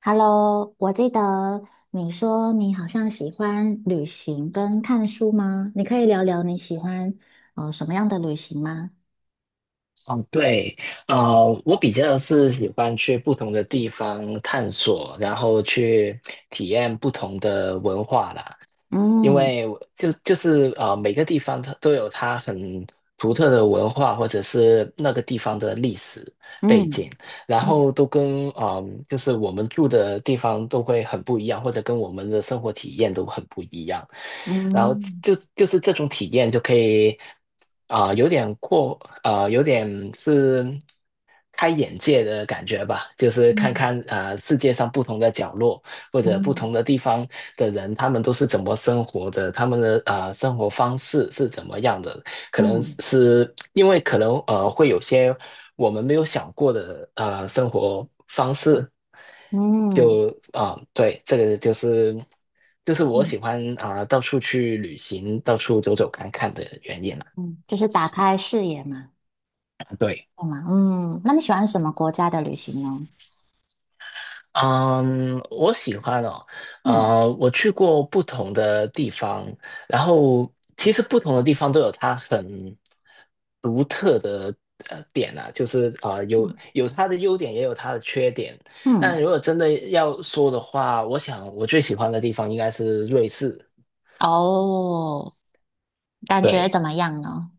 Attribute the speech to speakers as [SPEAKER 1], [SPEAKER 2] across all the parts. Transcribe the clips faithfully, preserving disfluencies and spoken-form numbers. [SPEAKER 1] Hello，我记得你说你好像喜欢旅行跟看书吗？你可以聊聊你喜欢呃什么样的旅行吗？
[SPEAKER 2] 哦，对，呃，我比较是喜欢去不同的地方探索，然后去体验不同的文化啦。因
[SPEAKER 1] 嗯，
[SPEAKER 2] 为我就就是呃，每个地方它都有它很独特的文化，或者是那个地方的历史背
[SPEAKER 1] 嗯，
[SPEAKER 2] 景，然
[SPEAKER 1] 嗯，
[SPEAKER 2] 后都跟啊、呃就是我们住的地方都会很不一样，或者跟我们的生活体验都很不一样。然后
[SPEAKER 1] 嗯，
[SPEAKER 2] 就就是这种体验就可以啊、有点过啊、有点是开眼界的感觉吧，就是看
[SPEAKER 1] 嗯，
[SPEAKER 2] 看啊、世界上不同的角落。或者不
[SPEAKER 1] 嗯，
[SPEAKER 2] 同的地方的人，他们都是怎么生活的，他们的呃生活方式是怎么样的？可能
[SPEAKER 1] 嗯，
[SPEAKER 2] 是因为可能呃会有些我们没有想过的呃生活方式。
[SPEAKER 1] 嗯，
[SPEAKER 2] 就啊、对，这个就是就是我喜
[SPEAKER 1] 嗯，
[SPEAKER 2] 欢啊、到处去旅行，到处走走看看的原因了。
[SPEAKER 1] 嗯，就是打开视野嘛，
[SPEAKER 2] 对。
[SPEAKER 1] 对吗？嗯，那你喜欢什么国家的旅行呢？
[SPEAKER 2] 嗯，我喜欢哦，
[SPEAKER 1] 嗯，
[SPEAKER 2] 呃，我去过不同的地方。然后其实不同的地方都有它很独特的呃点啊，就是啊、呃有
[SPEAKER 1] 嗯，
[SPEAKER 2] 有它的优点，也有它的缺点。那
[SPEAKER 1] 嗯，
[SPEAKER 2] 如果真的要说的话，我想我最喜欢的地方应该是瑞士。
[SPEAKER 1] 哦，感觉
[SPEAKER 2] 对。
[SPEAKER 1] 怎么样呢？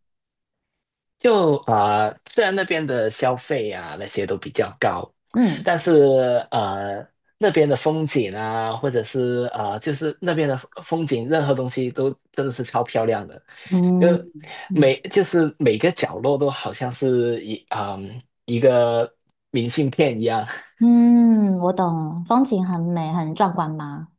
[SPEAKER 2] 就啊、呃虽然那边的消费啊那些都比较高，
[SPEAKER 1] 嗯，
[SPEAKER 2] 但是呃，那边的风景啊，或者是啊、呃就是那边的风风景，任何东西都真的是超漂亮的。因
[SPEAKER 1] 嗯，
[SPEAKER 2] 为
[SPEAKER 1] 嗯，
[SPEAKER 2] 每就是每个角落都好像是一嗯、一个明信片一样。
[SPEAKER 1] 嗯，我懂，风景很美，很壮观吗？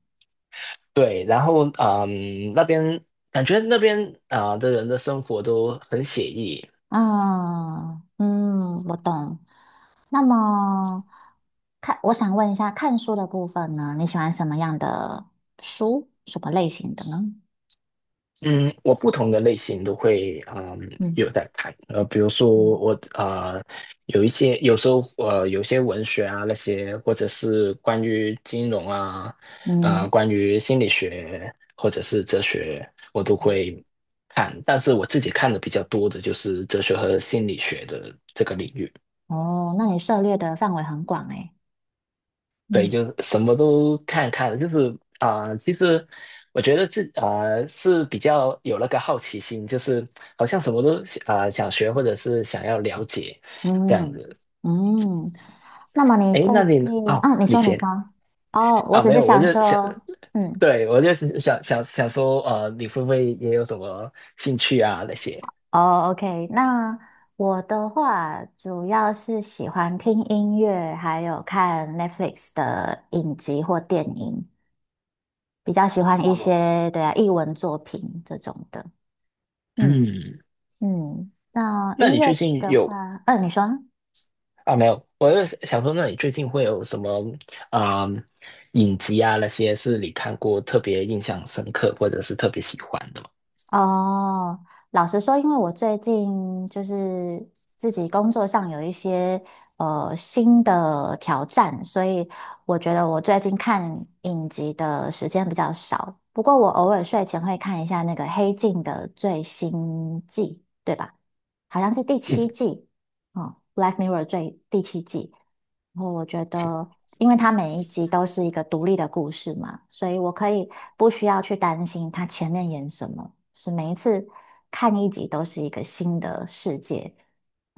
[SPEAKER 2] 对。然后嗯、那边感觉那边啊、的人的生活都很写意。
[SPEAKER 1] 啊，嗯，我懂。那么，看，我想问一下，看书的部分呢，你喜欢什么样的书，什么类型的呢？
[SPEAKER 2] 嗯，我不同的类型都会嗯
[SPEAKER 1] 嗯，
[SPEAKER 2] 有在看。呃，比如说
[SPEAKER 1] 嗯，
[SPEAKER 2] 我啊、呃有一些有时候呃有些文学啊那些，或者是关于金融啊，呃
[SPEAKER 1] 嗯，
[SPEAKER 2] 关于心理学或者是哲学，我都会看，但是我自己看的比较多的就是哲学和心理学的这个领域。
[SPEAKER 1] 哦，那你涉猎的范围很广诶。
[SPEAKER 2] 对，
[SPEAKER 1] 嗯，
[SPEAKER 2] 就是什么都看看。就是啊、呃其实我觉得这啊、呃是比较有那个好奇心，就是好像什么都啊、呃想学或者是想要了解这样
[SPEAKER 1] 嗯，
[SPEAKER 2] 子。
[SPEAKER 1] 嗯，那么你
[SPEAKER 2] 诶，
[SPEAKER 1] 最
[SPEAKER 2] 那你呢
[SPEAKER 1] 近，
[SPEAKER 2] 哦，
[SPEAKER 1] 啊，你
[SPEAKER 2] 你
[SPEAKER 1] 说你
[SPEAKER 2] 先。
[SPEAKER 1] 说，哦，我
[SPEAKER 2] 啊，
[SPEAKER 1] 只
[SPEAKER 2] 没
[SPEAKER 1] 是
[SPEAKER 2] 有，我
[SPEAKER 1] 想
[SPEAKER 2] 就想，
[SPEAKER 1] 说，嗯。
[SPEAKER 2] 对，我就是想想想说，呃，你会不会也有什么兴趣啊那些？
[SPEAKER 1] 哦，OK，那我的话主要是喜欢听音乐，还有看 Netflix 的影集或电影，比较喜欢一
[SPEAKER 2] 哦，
[SPEAKER 1] 些，对啊，艺文作品这种的。嗯，
[SPEAKER 2] 嗯，
[SPEAKER 1] 嗯，那
[SPEAKER 2] 那
[SPEAKER 1] 音
[SPEAKER 2] 你
[SPEAKER 1] 乐
[SPEAKER 2] 最近
[SPEAKER 1] 的
[SPEAKER 2] 有？
[SPEAKER 1] 话，嗯，你说。
[SPEAKER 2] 啊，没有，我就想说，那你最近会有什么啊、嗯影集啊那些是你看过特别印象深刻或者是特别喜欢的吗？
[SPEAKER 1] 哦，老实说，因为我最近就是自己工作上有一些呃新的挑战，所以我觉得我最近看影集的时间比较少。不过我偶尔睡前会看一下那个《黑镜》的最新季，对吧？好像是第
[SPEAKER 2] 嗯，
[SPEAKER 1] 七季，哦，《Black Mirror》最第七季。然后我觉得，因为它每一集都是一个独立的故事嘛，所以我可以不需要去担心它前面演什么。是每一次看一集都是一个新的世界，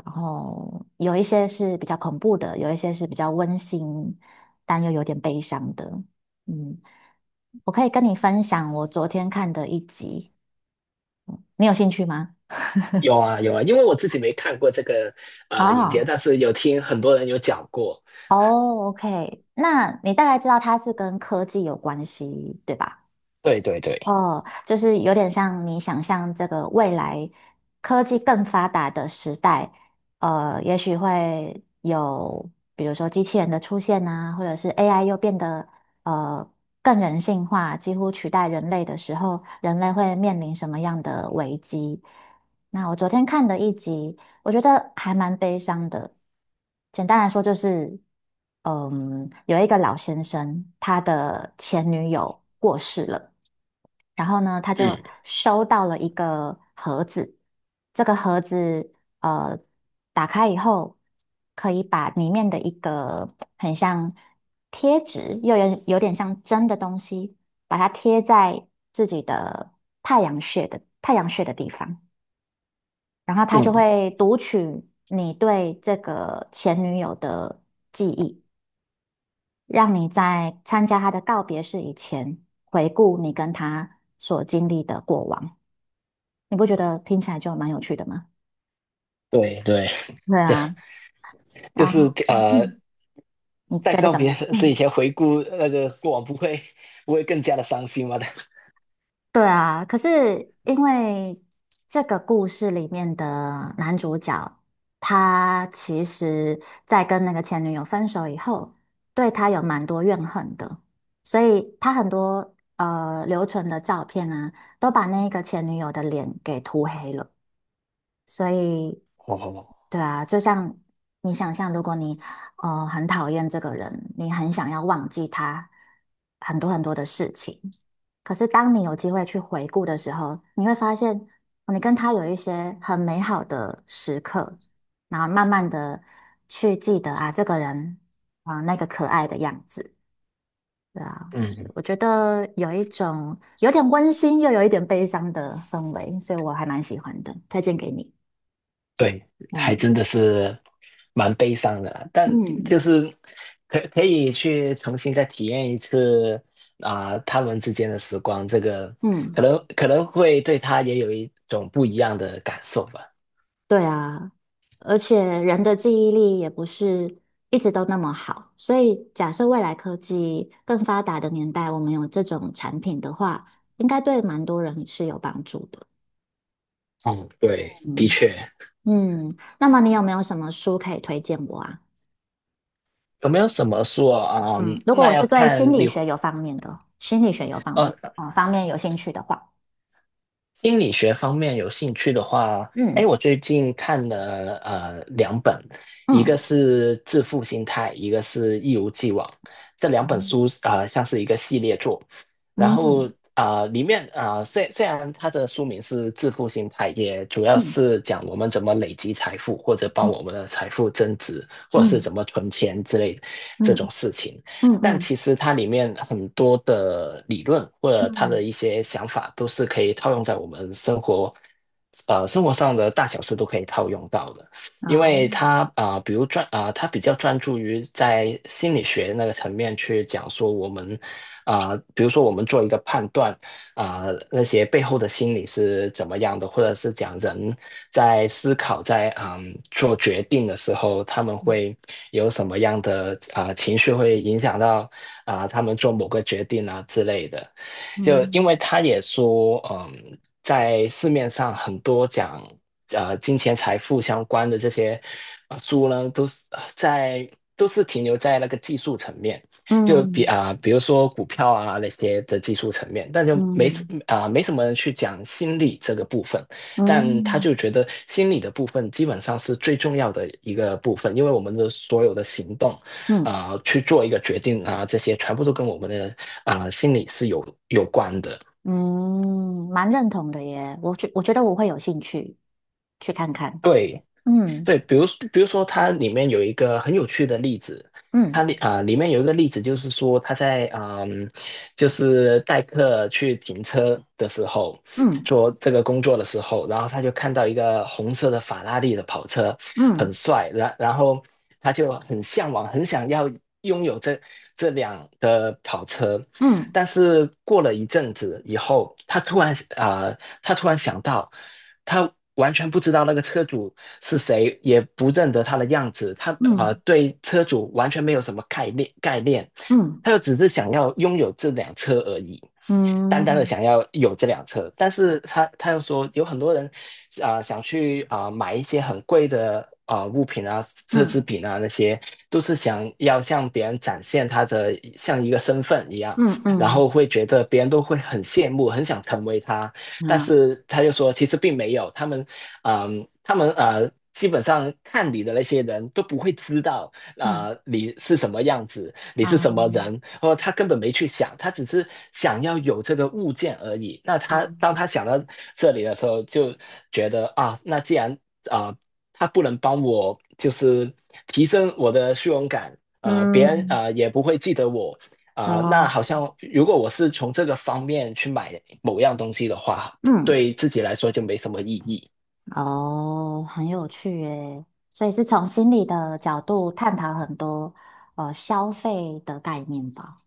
[SPEAKER 1] 然后有一些是比较恐怖的，有一些是比较温馨，但又有点悲伤的。嗯，我可以跟你分享我昨天看的一集，你有兴趣吗？
[SPEAKER 2] 有啊有啊，因为我自己没看过这个呃影集，
[SPEAKER 1] 啊，
[SPEAKER 2] 但是有听很多人有讲过。
[SPEAKER 1] 哦，OK，那你大概知道它是跟科技有关系，对吧？
[SPEAKER 2] 对对对。
[SPEAKER 1] 哦，就是有点像你想象这个未来科技更发达的时代，呃，也许会有比如说机器人的出现啊，或者是 A I 又变得呃更人性化，几乎取代人类的时候，人类会面临什么样的危机？那我昨天看的一集，我觉得还蛮悲伤的。简单来说就是，嗯，有一个老先生，他的前女友过世了。然后呢，他就
[SPEAKER 2] 嗯
[SPEAKER 1] 收到了一个盒子，这个盒子呃打开以后，可以把里面的一个很像贴纸，又有有点像针的东西，把它贴在自己的太阳穴的太阳穴的地方，然后他就
[SPEAKER 2] 嗯。
[SPEAKER 1] 会读取你对这个前女友的记忆，让你在参加他的告别式以前，回顾你跟他所经历的过往。你不觉得听起来就蛮有趣的吗？
[SPEAKER 2] 对对。
[SPEAKER 1] 对
[SPEAKER 2] 就
[SPEAKER 1] 啊，
[SPEAKER 2] 就
[SPEAKER 1] 然
[SPEAKER 2] 是
[SPEAKER 1] 后，
[SPEAKER 2] 呃，
[SPEAKER 1] 嗯，你
[SPEAKER 2] 在
[SPEAKER 1] 觉得
[SPEAKER 2] 告
[SPEAKER 1] 怎么
[SPEAKER 2] 别
[SPEAKER 1] 样？
[SPEAKER 2] 是以
[SPEAKER 1] 嗯，
[SPEAKER 2] 前回顾呃那个过往，不会不会更加的伤心吗？
[SPEAKER 1] 对啊。可是因为这个故事里面的男主角，他其实在跟那个前女友分手以后，对他有蛮多怨恨的，所以他很多呃留存的照片啊，都把那个前女友的脸给涂黑了。所以，
[SPEAKER 2] 哦，
[SPEAKER 1] 对啊，就像你想象，如果你呃很讨厌这个人，你很想要忘记他很多很多的事情，可是当你有机会去回顾的时候，你会发现哦你跟他有一些很美好的时刻，然后慢慢的去记得啊，这个人啊，那个可爱的样子，对啊，是
[SPEAKER 2] 嗯
[SPEAKER 1] 我觉得有一种有点温馨又有一点悲伤的氛围，所以我还蛮喜欢的，推荐给你。
[SPEAKER 2] 对，还
[SPEAKER 1] 嗯。
[SPEAKER 2] 真的是蛮悲伤的啦，但
[SPEAKER 1] 嗯，
[SPEAKER 2] 就是可可以去重新再体验一次啊、他们之间的时光。这个可
[SPEAKER 1] 嗯，
[SPEAKER 2] 能可能会对他也有一种不一样的感受吧。
[SPEAKER 1] 对啊，而且人的记忆力也不是一直都那么好，所以假设未来科技更发达的年代，我们有这种产品的话，应该对蛮多人是有帮助的。
[SPEAKER 2] 嗯，对，的
[SPEAKER 1] 嗯，
[SPEAKER 2] 确。
[SPEAKER 1] 嗯，那么你有没有什么书可以推荐我啊？
[SPEAKER 2] 有没有什么说啊、嗯
[SPEAKER 1] 嗯，如果
[SPEAKER 2] 那
[SPEAKER 1] 我
[SPEAKER 2] 要
[SPEAKER 1] 是对
[SPEAKER 2] 看
[SPEAKER 1] 心理
[SPEAKER 2] 你
[SPEAKER 1] 学有方面的，心理学有方
[SPEAKER 2] 呃，
[SPEAKER 1] 面
[SPEAKER 2] 哦，
[SPEAKER 1] 哦方面有兴趣的话，
[SPEAKER 2] 心理学方面有兴趣的话，哎，
[SPEAKER 1] 嗯，
[SPEAKER 2] 我最近看了呃两本，一个
[SPEAKER 1] 嗯，
[SPEAKER 2] 是《致富心态》，一个是《一如既往》，这两本
[SPEAKER 1] 嗯，
[SPEAKER 2] 书啊、呃像是一个系列作。然
[SPEAKER 1] 嗯，
[SPEAKER 2] 后
[SPEAKER 1] 嗯，
[SPEAKER 2] 啊、呃里面啊、呃虽虽然它的书名是《致富心态》，也主要
[SPEAKER 1] 嗯，
[SPEAKER 2] 是讲我们怎么累积财富，或者帮我们的财富增值，或者是
[SPEAKER 1] 嗯，
[SPEAKER 2] 怎么存钱之类这种
[SPEAKER 1] 嗯，
[SPEAKER 2] 事情。
[SPEAKER 1] 嗯，
[SPEAKER 2] 但
[SPEAKER 1] 嗯，
[SPEAKER 2] 其实它里面很多的理论或者它
[SPEAKER 1] 嗯，
[SPEAKER 2] 的一些想法，都是可以套用在我们生活，呃，生活上的大小事都可以套用到的。
[SPEAKER 1] 嗯
[SPEAKER 2] 因
[SPEAKER 1] 哦。
[SPEAKER 2] 为它啊、呃比如专啊、它比较专注于在心理学那个层面去讲说我们啊、呃比如说我们做一个判断，啊、那些背后的心理是怎么样的，或者是讲人在思考在嗯做决定的时候，他们会有什么样的啊、情绪会影响到啊、他们做某个决定啊之类的。就因
[SPEAKER 1] 嗯，
[SPEAKER 2] 为他也说，嗯，在市面上很多讲呃金钱财富相关的这些呃书呢，都是呃在都是停留在那个技术层面。就比
[SPEAKER 1] 嗯，
[SPEAKER 2] 啊、比如说股票啊那些的技术层面，但就没什
[SPEAKER 1] 嗯，
[SPEAKER 2] 啊、没什么人去讲心理这个部分。但他
[SPEAKER 1] 嗯，
[SPEAKER 2] 就觉得心理的部分基本上是最重要的一个部分，因为我们的所有的行动
[SPEAKER 1] 嗯，
[SPEAKER 2] 啊、去做一个决定啊、这些全部都跟我们的啊、心理是有有关的。
[SPEAKER 1] 嗯，蛮认同的耶。我觉我觉得我会有兴趣去看看。
[SPEAKER 2] 对，
[SPEAKER 1] 嗯，
[SPEAKER 2] 对，比如比如说，它里面有一个很有趣的例子。
[SPEAKER 1] 嗯，
[SPEAKER 2] 它里啊、里面有一个例子，就是说他在嗯、就是代客去停车的时候，
[SPEAKER 1] 嗯，
[SPEAKER 2] 做这个工作的时候，然后他就看到一个红色的法拉利的跑车。很
[SPEAKER 1] 嗯，
[SPEAKER 2] 帅，然然后他就很向往，很想要拥有这这辆的跑车。
[SPEAKER 1] 嗯，
[SPEAKER 2] 但是过了一阵子以后，他突然啊、他突然想到，他完全不知道那个车主是谁，也不认得他的样子。他呃
[SPEAKER 1] 嗯，
[SPEAKER 2] 对车主完全没有什么概念概念，
[SPEAKER 1] 嗯，
[SPEAKER 2] 他就只是想要拥有这辆车而已，单单的
[SPEAKER 1] 嗯，
[SPEAKER 2] 想要有这辆车。但是他他又说，有很多人啊、呃想去啊、呃买一些很贵的啊、呃物品啊、奢
[SPEAKER 1] 嗯，
[SPEAKER 2] 侈品啊那些，都是想要向别人展现他的像一个身份一样，
[SPEAKER 1] 嗯，
[SPEAKER 2] 然
[SPEAKER 1] 嗯，
[SPEAKER 2] 后会觉得别人都会很羡慕，很想成为他。但
[SPEAKER 1] 啊，
[SPEAKER 2] 是他就说其实并没有，他们，嗯，他们呃，基本上看你的那些人都不会知道
[SPEAKER 1] 嗯，
[SPEAKER 2] 啊，呃，你是什么样子，你是什么
[SPEAKER 1] 啊，
[SPEAKER 2] 人，或者他根本没去想，他只是想要有这个物件而已。那他当
[SPEAKER 1] 嗯，
[SPEAKER 2] 他想到这里的时候，就觉得啊，那既然啊、呃他不能帮我，就是提升我的虚荣感。呃，别人
[SPEAKER 1] 嗯，
[SPEAKER 2] 呃也不会记得我。啊、那
[SPEAKER 1] 哦，
[SPEAKER 2] 好像如果我是从这个方面去买某样东西的话，
[SPEAKER 1] 嗯，
[SPEAKER 2] 对自己来说就没什么意义。
[SPEAKER 1] 哦，很有趣耶。所以是从心理的角度探讨很多呃消费的概念吧。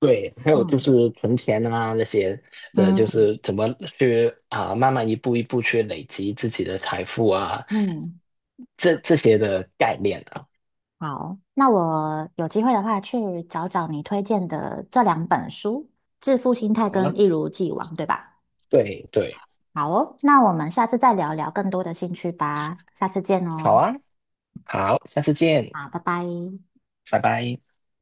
[SPEAKER 2] 对，还有就
[SPEAKER 1] 嗯，
[SPEAKER 2] 是存钱啊那些的，就
[SPEAKER 1] 嗯，
[SPEAKER 2] 是怎么去啊，慢慢一步一步去累积自己的财富啊，
[SPEAKER 1] 嗯，
[SPEAKER 2] 这这些的概念啊。
[SPEAKER 1] 好，那我有机会的话去找找你推荐的这两本书，《致富心态》
[SPEAKER 2] 好
[SPEAKER 1] 跟
[SPEAKER 2] 了。
[SPEAKER 1] 《一如既往》，对吧？
[SPEAKER 2] 对对。
[SPEAKER 1] 好哦，那我们下次再聊聊更多的兴趣吧，下次见
[SPEAKER 2] 好
[SPEAKER 1] 哦，
[SPEAKER 2] 啊。好，下次见。
[SPEAKER 1] 好，拜拜。
[SPEAKER 2] 拜拜。